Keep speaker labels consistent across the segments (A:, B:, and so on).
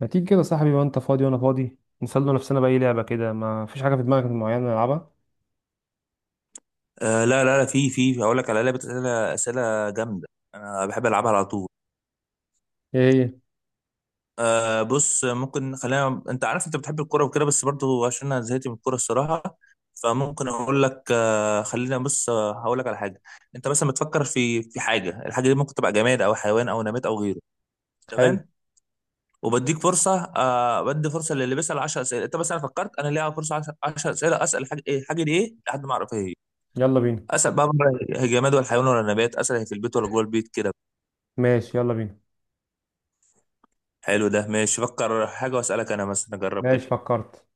A: ما تيجي كده يا صاحبي؟ بقى انت فاضي وانا فاضي، نسلي نفسنا بأي لعبة كده. ما فيش حاجة في دماغك معينة نلعبها؟
B: لا لا لا، في هقول لك على لعبه اسئله اسئله جامده. انا بحب العبها على طول.
A: ايه هي؟
B: بص، ممكن خلينا، انت عارف انت بتحب الكوره وكده، بس برضو عشان انا زهقت من الكوره الصراحه. فممكن اقول لك، آه خلينا بص آه، هقول لك على حاجه. انت مثلا بتفكر في حاجه، الحاجه دي ممكن تبقى جماد او حيوان او نبات او غيره.
A: حلو.
B: تمام؟ وبديك فرصه. آه، بدي فرصه للي بيسال 10 اسئله. انت مثلا فكرت، انا ليا فرصه 10 اسئله اسال الحاجه ايه، الحاجه دي ايه، لحد ما اعرف ايه هي. إيه.
A: يلا بينا.
B: اسال بقى، بره؟ هي جماد ولا حيوان ولا نبات؟ اسال هي في البيت ولا جوه البيت كده.
A: ماشي، يلا بينا.
B: حلو، ده ماشي. فكر حاجة واسألك أنا مثلا، أجرب
A: ماشي
B: كده.
A: فكرت.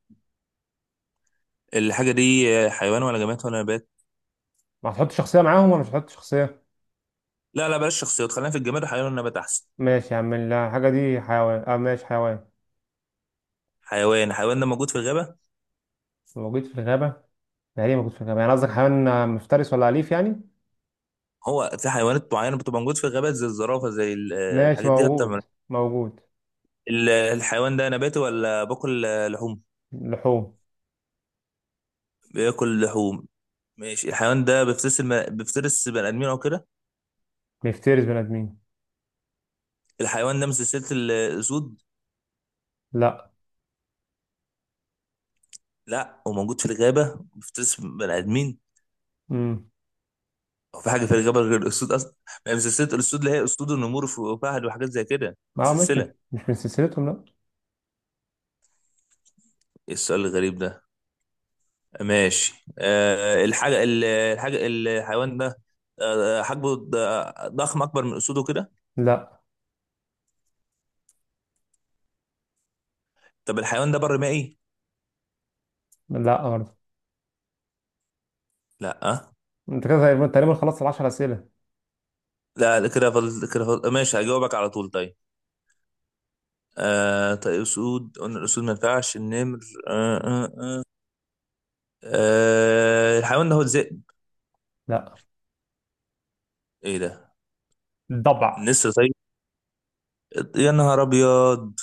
B: الحاجة دي حيوان ولا جماد ولا نبات؟
A: ما هتحط شخصية معاهم ولا مش هتحط شخصية؟
B: لا لا، بلاش شخصيات، خلينا في الجماد والحيوان والنبات أحسن.
A: ماشي يا عم. لا، الحاجة دي حيوان. اه، ماشي حيوان.
B: حيوان. الحيوان ده موجود في الغابة؟
A: موجود في الغابة. يعني ايه موجود في الغابة؟ يعني قصدك حيوان مفترس ولا أليف يعني؟
B: هو في حيوانات معينة بتبقى موجود في الغابات زي الزرافة، زي
A: ماشي،
B: الحاجات دي حتى
A: موجود. موجود.
B: الحيوان ده نباتي ولا باكل لحوم؟
A: لحوم.
B: بياكل لحوم. ماشي، الحيوان ده بيفترس بيفترس بني آدمين أو كده؟
A: بيفترس بني آدمين.
B: الحيوان ده من سلسلة الأسود؟
A: لا.
B: لا هو موجود في الغابة بيفترس بني آدمين.
A: امم.
B: هو في حاجه في الجبل غير الاسود اصلا؟ ما هي من سلسله الاسود اللي هي اسود، النمور، وفهد، وحاجات زي كده.
A: اه، مش مش
B: سلسله.
A: مش من سلسلتهم لا.
B: ايه السؤال الغريب ده؟ ماشي، أه، الحاجه الحاجه الحيوان ده، أه، حجمه ضخم، اكبر من اسوده كده؟
A: لا.
B: طب الحيوان ده بر مائي؟
A: لا برضه.
B: لا أه؟
A: انت كده تقريبا خلصت ال 10 أسئلة.
B: لا لا، كده فضل، كده فضل ماشي هجاوبك على طول. طيب، أه طيب، اسود قلنا، الاسود ما ينفعش، النمر، أه أه أه. أه، الحيوان ده هو الذئب؟
A: لا.
B: ايه ده!
A: ضبع.
B: النسر طيب. يا نهار ابيض،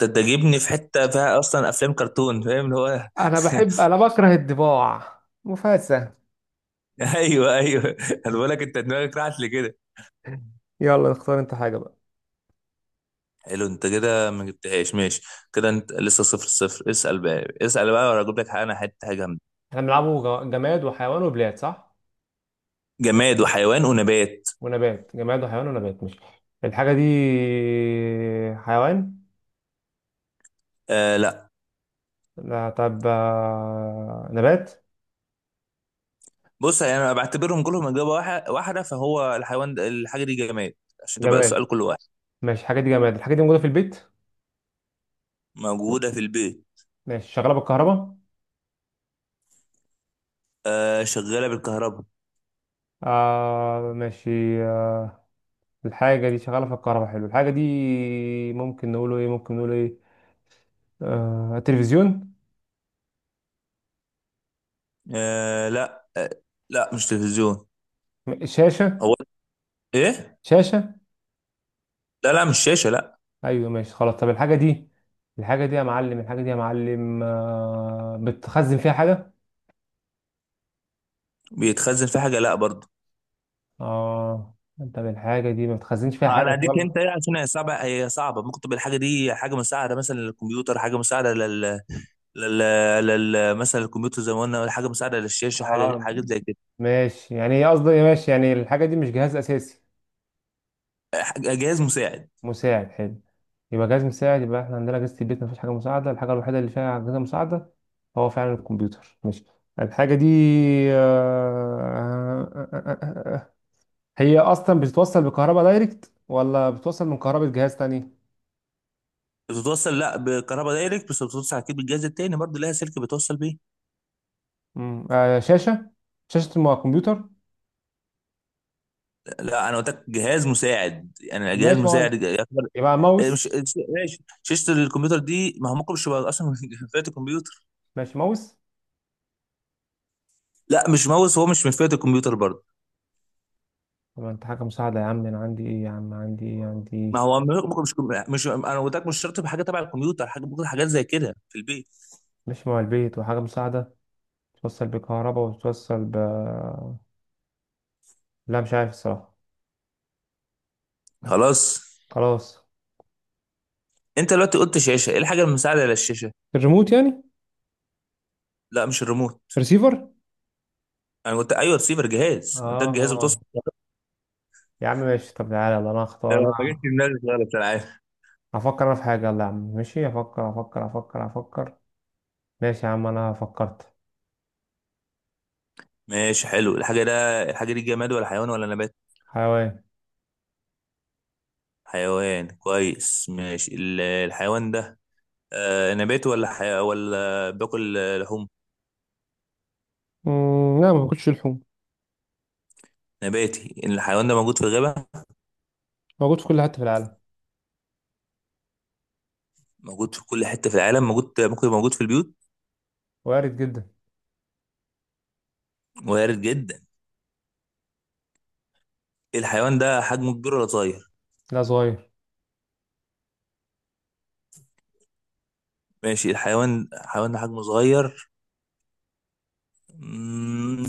B: ده ده جايبني في حته فيها اصلا افلام كرتون، فاهم اللي هو
A: انا بكره الضباع مفاسة.
B: ايوه ايوه. انا بقول لك انت دماغك راحت لكده.
A: يلا اختار انت حاجة بقى.
B: حلو، انت كده ما جبتهاش ماشي. كده انت لسه صفر صفر. اسال بقى، اسال بقى، ولا اجيب لك حاجه؟ انا حته حاجه جامده.
A: احنا بنلعبه جماد وحيوان وبلاد، صح؟
B: جماد وحيوان ونبات.
A: ونبات. جماد وحيوان ونبات، مش الحاجة دي حيوان؟
B: آه لا.
A: لا، طب نبات.
B: بص يعني انا بعتبرهم كلهم اجابه واحده، فهو الحيوان ده، الحاجه دي جماد، عشان تبقى
A: جماد.
B: السؤال كل واحد.
A: ماشي، الحاجة دي جماد. الحاجة دي موجودة في البيت.
B: موجوده في البيت.
A: ماشي، شغالة بالكهرباء.
B: آه، شغاله بالكهرباء.
A: آه، ماشي. آه. الحاجة دي شغالة في الكهرباء، حلو. الحاجة دي ممكن نقوله ايه، ممكن نقوله ايه؟ تلفزيون.
B: آه لا آه، لا مش تلفزيون.
A: شاشة.
B: هو ايه؟
A: شاشة.
B: لا لا، مش شاشه، لا.
A: ايوه ماشي خلاص، طب الحاجه دي، الحاجه دي يا معلم، الحاجه دي يا معلم بتخزن فيها حاجه.
B: بيتخزن في حاجه؟ لا برضه.
A: اه. طب الحاجه دي ما بتخزنش فيها
B: انا
A: حاجه
B: اديك انت
A: خالص.
B: ايه، عشان هي صعبه، هي صعبه. ممكن تبقى الحاجه دي حاجه مساعده مثلا للكمبيوتر، حاجه مساعده لل... لل... مثلا الكمبيوتر زي ما قلنا، حاجه مساعده للشاشه، حاجه،
A: اه.
B: حاجات زي كده.
A: ماشي، يعني هي قصدي ماشي يعني الحاجه دي مش جهاز اساسي.
B: جهاز مساعد.
A: مساعد، حلو. يبقى جهاز مساعد. يبقى احنا عندنا اجهزه البيت ما فيش حاجه مساعده، الحاجه الوحيده اللي فيها اجهزه مساعده هو فعلا الكمبيوتر. ماشي، الحاجه دي آه، آه، آه، آه، آه. آه، آه. هي اصلا بتتوصل بكهرباء دايركت ولا بتتوصل من كهرباء جهاز تاني؟
B: بتتوصل لا بكهرباء دايركت، بس بتتوصل اكيد بالجهاز التاني برضه، لها سلك بتوصل بيه.
A: شاشة. شاشة مع كمبيوتر.
B: لا انا قلت لك جهاز مساعد، يعني
A: يبقى
B: جهاز
A: ماشي مع،
B: مساعد يعتبر.
A: يبقى
B: إيه، مش
A: ماوس.
B: ش- ماشي، شاشه الكمبيوتر دي ما هو ممكن مش يبقى اصلا من فئه الكمبيوتر.
A: ماشي ماوس.
B: لا مش ماوس، هو مش من فئه الكمبيوتر برضه.
A: طبعا انت حاجة مساعدة يا عم، انا عندي ايه يا عم، عندي ايه، عندي ايه؟
B: ما هو ممكن، مش انا قلت لك مش شرط بحاجه تبع الكمبيوتر، حاجه ممكن، حاجات زي كده في البيت.
A: ماشي، مع البيت وحاجة مساعدة، توصل بكهرباء وتوصل ب... لا مش عارف الصراحة.
B: خلاص.
A: خلاص.
B: انت دلوقتي قلت شاشه، ايه الحاجه المساعده على الشاشه؟
A: الريموت يعني؟
B: لا مش الريموت.
A: ريسيفر.
B: انا قلت ايوه، رسيفر،
A: اه.
B: جهاز، انت الجهاز بتوصل.
A: اه. يا عم ماشي، طب تعالى يلا، انا
B: ده
A: هختار
B: ما جاتش
A: انا.
B: في دماغي خالص، انا عارف.
A: هفكر انا في حاجة، يلا يا عم. ماشي، هفكر هفكر هفكر هفكر. ماشي يا عم، انا فكرت.
B: ماشي، حلو. الحاجه ده الحاجه دي جماد ولا حيوان ولا نبات؟
A: حيوان.
B: حيوان، كويس. ماشي، الحيوان ده، آه، نباتي ولا ولا باكل، آه، لحوم؟
A: لا ما باكلش لحوم.
B: نباتي. الحيوان ده موجود في الغابه؟
A: موجود في كل حتة في العالم.
B: موجود في كل حته في العالم، موجود، ممكن يبقى موجود في البيوت.
A: وارد جدا.
B: وارد جدا. الحيوان ده حجمه كبير ولا صغير؟
A: لا، صغير.
B: ماشي، الحيوان ده حجمه صغير. مم،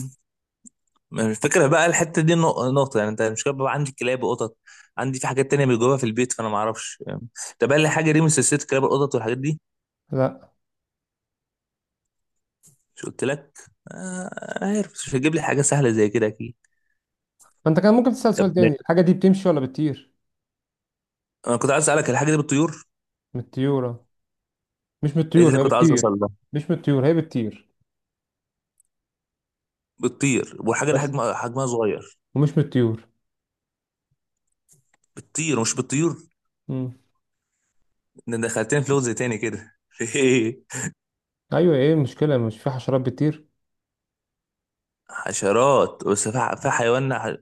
B: الفكرة بقى الحتة دي نقطة، يعني انت مش بقى عندي كلاب وقطط، عندي في حاجات تانية بيجوها في البيت، فانا ما اعرفش. طب قال لي حاجة دي من سلسلة كلاب، القطط والحاجات دي؟
A: لا.
B: مش قلت لك؟ آه عارف مش هتجيب لي حاجة سهلة زي كده اكيد.
A: ما انت كان ممكن تسأل سؤال
B: طب
A: تاني،
B: ماشي.
A: الحاجة دي بتمشي ولا بتطير؟
B: انا كنت عايز اسألك الحاجة دي بتطير.
A: من الطيورة. مش من
B: ايه دي
A: الطيور
B: اللي
A: هي
B: كنت عايز اوصل
A: بتطير.
B: لها.
A: مش من الطيور هي بتطير
B: بتطير، والحاجة دي
A: بس.
B: حجمها، حجمها صغير.
A: ومش من الطيور.
B: بتطير، مش بتطير.
A: مم.
B: ده دخلتني في لغز تاني كده
A: ايوه، ايه المشكلة، مش في حشرات بتطير؟
B: حشرات، بس في في حيوان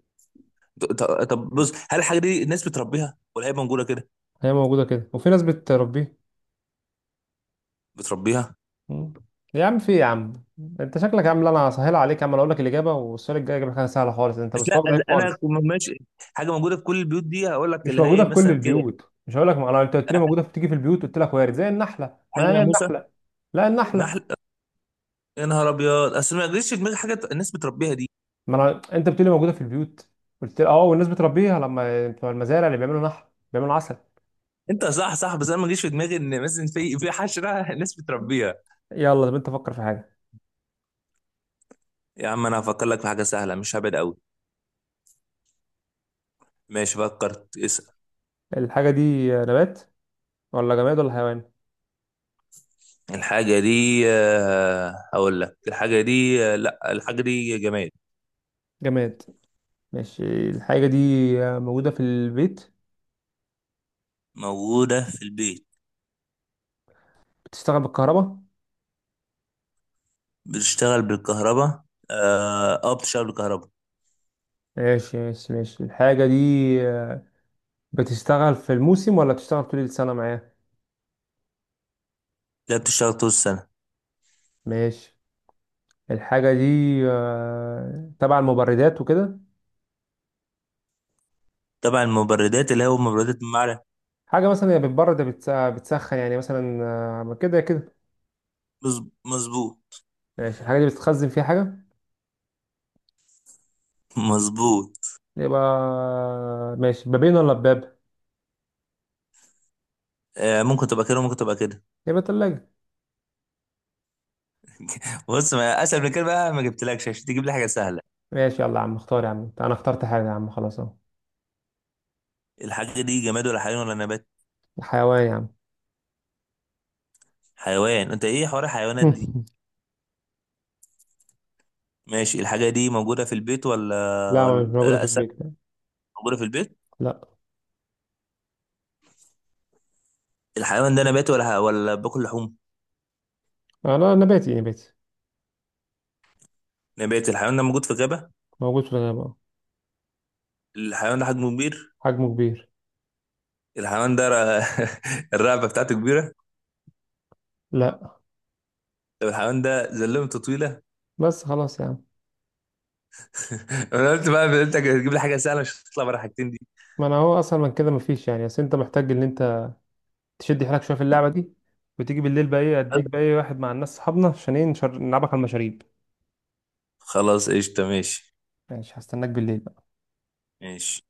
B: ط- طب بص، هل الحاجه دي الناس بتربيها، ولا هي موجوده كده؟
A: هي موجودة كده، وفي ناس بتربيه.
B: بتربيها.
A: مم. يا عم في إيه يا عم، انت شكلك يا عم. لا، انا هسهل عليك يا عم. أنا اقول لك الاجابة، والسؤال الجاي هيجيب لك حاجة سهلة خالص. انت
B: بس لا
A: مستواك ضعيف
B: انا
A: خالص.
B: كنت ماشي حاجه موجوده في كل البيوت دي، هقول لك
A: مش
B: اللي
A: موجودة
B: هي
A: في كل
B: مثلا كده.
A: البيوت. مش هقول لك، ما انا انت قلت لي موجودة في تيجي في البيوت، قلت لك وارد زي النحلة،
B: حاجه،
A: ما هي
B: ناموسه؟
A: النحلة. لا، النحلة.
B: نحل. يا نهار ابيض، اصل ما جريش في دماغي حاجه الناس بتربيها دي.
A: ما انا انت بتقولي موجوده في البيوت، قلت لي اه، والناس بتربيها لما بتوع المزارع اللي بيعملوا نحل بيعملوا عسل.
B: انت صح صح، بس انا ما جريش في دماغي ان مثلا في حشره الناس بتربيها.
A: يلا طب انت فكر في حاجه.
B: يا عم انا هفكر لك في حاجه سهله، مش هبعد قوي. ماشي فكرت، اسال.
A: الحاجه دي نبات ولا جماد ولا حيوان؟
B: الحاجه دي، هقول لك الحاجه دي، لا الحاجه دي جماد.
A: جماد. ماشي، الحاجه دي موجوده في البيت.
B: موجودة في البيت.
A: بتشتغل بالكهرباء.
B: بتشتغل بالكهرباء. بتشتغل بالكهرباء.
A: ماشي ماشي ماشي، الحاجه دي بتشتغل في الموسم ولا بتشتغل طول السنه معايا؟
B: لا بتشتغل طول السنة.
A: ماشي، الحاجه دي تبع المبردات وكده.
B: تبع المبردات، اللي هو مبردات المعدن.
A: حاجه مثلا هي بتبرد يا بتسخن يعني مثلا. كده كده.
B: مظبوط.
A: ماشي، الحاجة دي بتتخزن فيها حاجة.
B: مظبوط.
A: يبقى ماشي، بابين ولا باب؟
B: آه ممكن تبقى كده وممكن تبقى كده.
A: يبقى تلاجة.
B: بص، ما اسهل من كده بقى، ما جبتلكش عشان تجيب لي حاجة سهلة.
A: ماشي، يلا يا عم اختار يا عم. انا اخترت حاجة يا عم، خلاص اهو.
B: الحاجة دي جماد ولا حيوان ولا نبات؟
A: الحيوان يا عم.
B: حيوان. انت ايه حوار الحيوانات دي؟ ماشي، الحاجة دي موجودة في البيت ولا
A: لا، ما مش
B: ولا،
A: موجودة في
B: لا أسد.
A: البيت.
B: موجودة في البيت.
A: لا.
B: الحيوان ده نبات ولا، ولا باكل لحوم؟
A: لا نباتي نباتي.
B: نبات. الحيوان ده موجود في غابة.
A: موجود في الغابة أهو.
B: الحيوان ده حجمه كبير.
A: حجمه كبير.
B: الحيوان ده الرقبه بتاعته كبيره.
A: لا.
B: طب الحيوان ده زلمته طويله
A: بس خلاص يا عم.
B: انا قلت بقى انت هتجيب لي حاجه سهله، مش هتطلع بره الحاجتين دي.
A: ما انا هو اصلا من كده مفيش يعني، بس انت محتاج ان انت تشد حيلك شوية في اللعبة دي، وتيجي بالليل بقى ايه اديك بقى ايه واحد مع الناس صحابنا عشان ايه نلعبك على المشاريب.
B: خلاص قشطه، ماشي.
A: ماشي، هستناك بالليل.
B: ماشي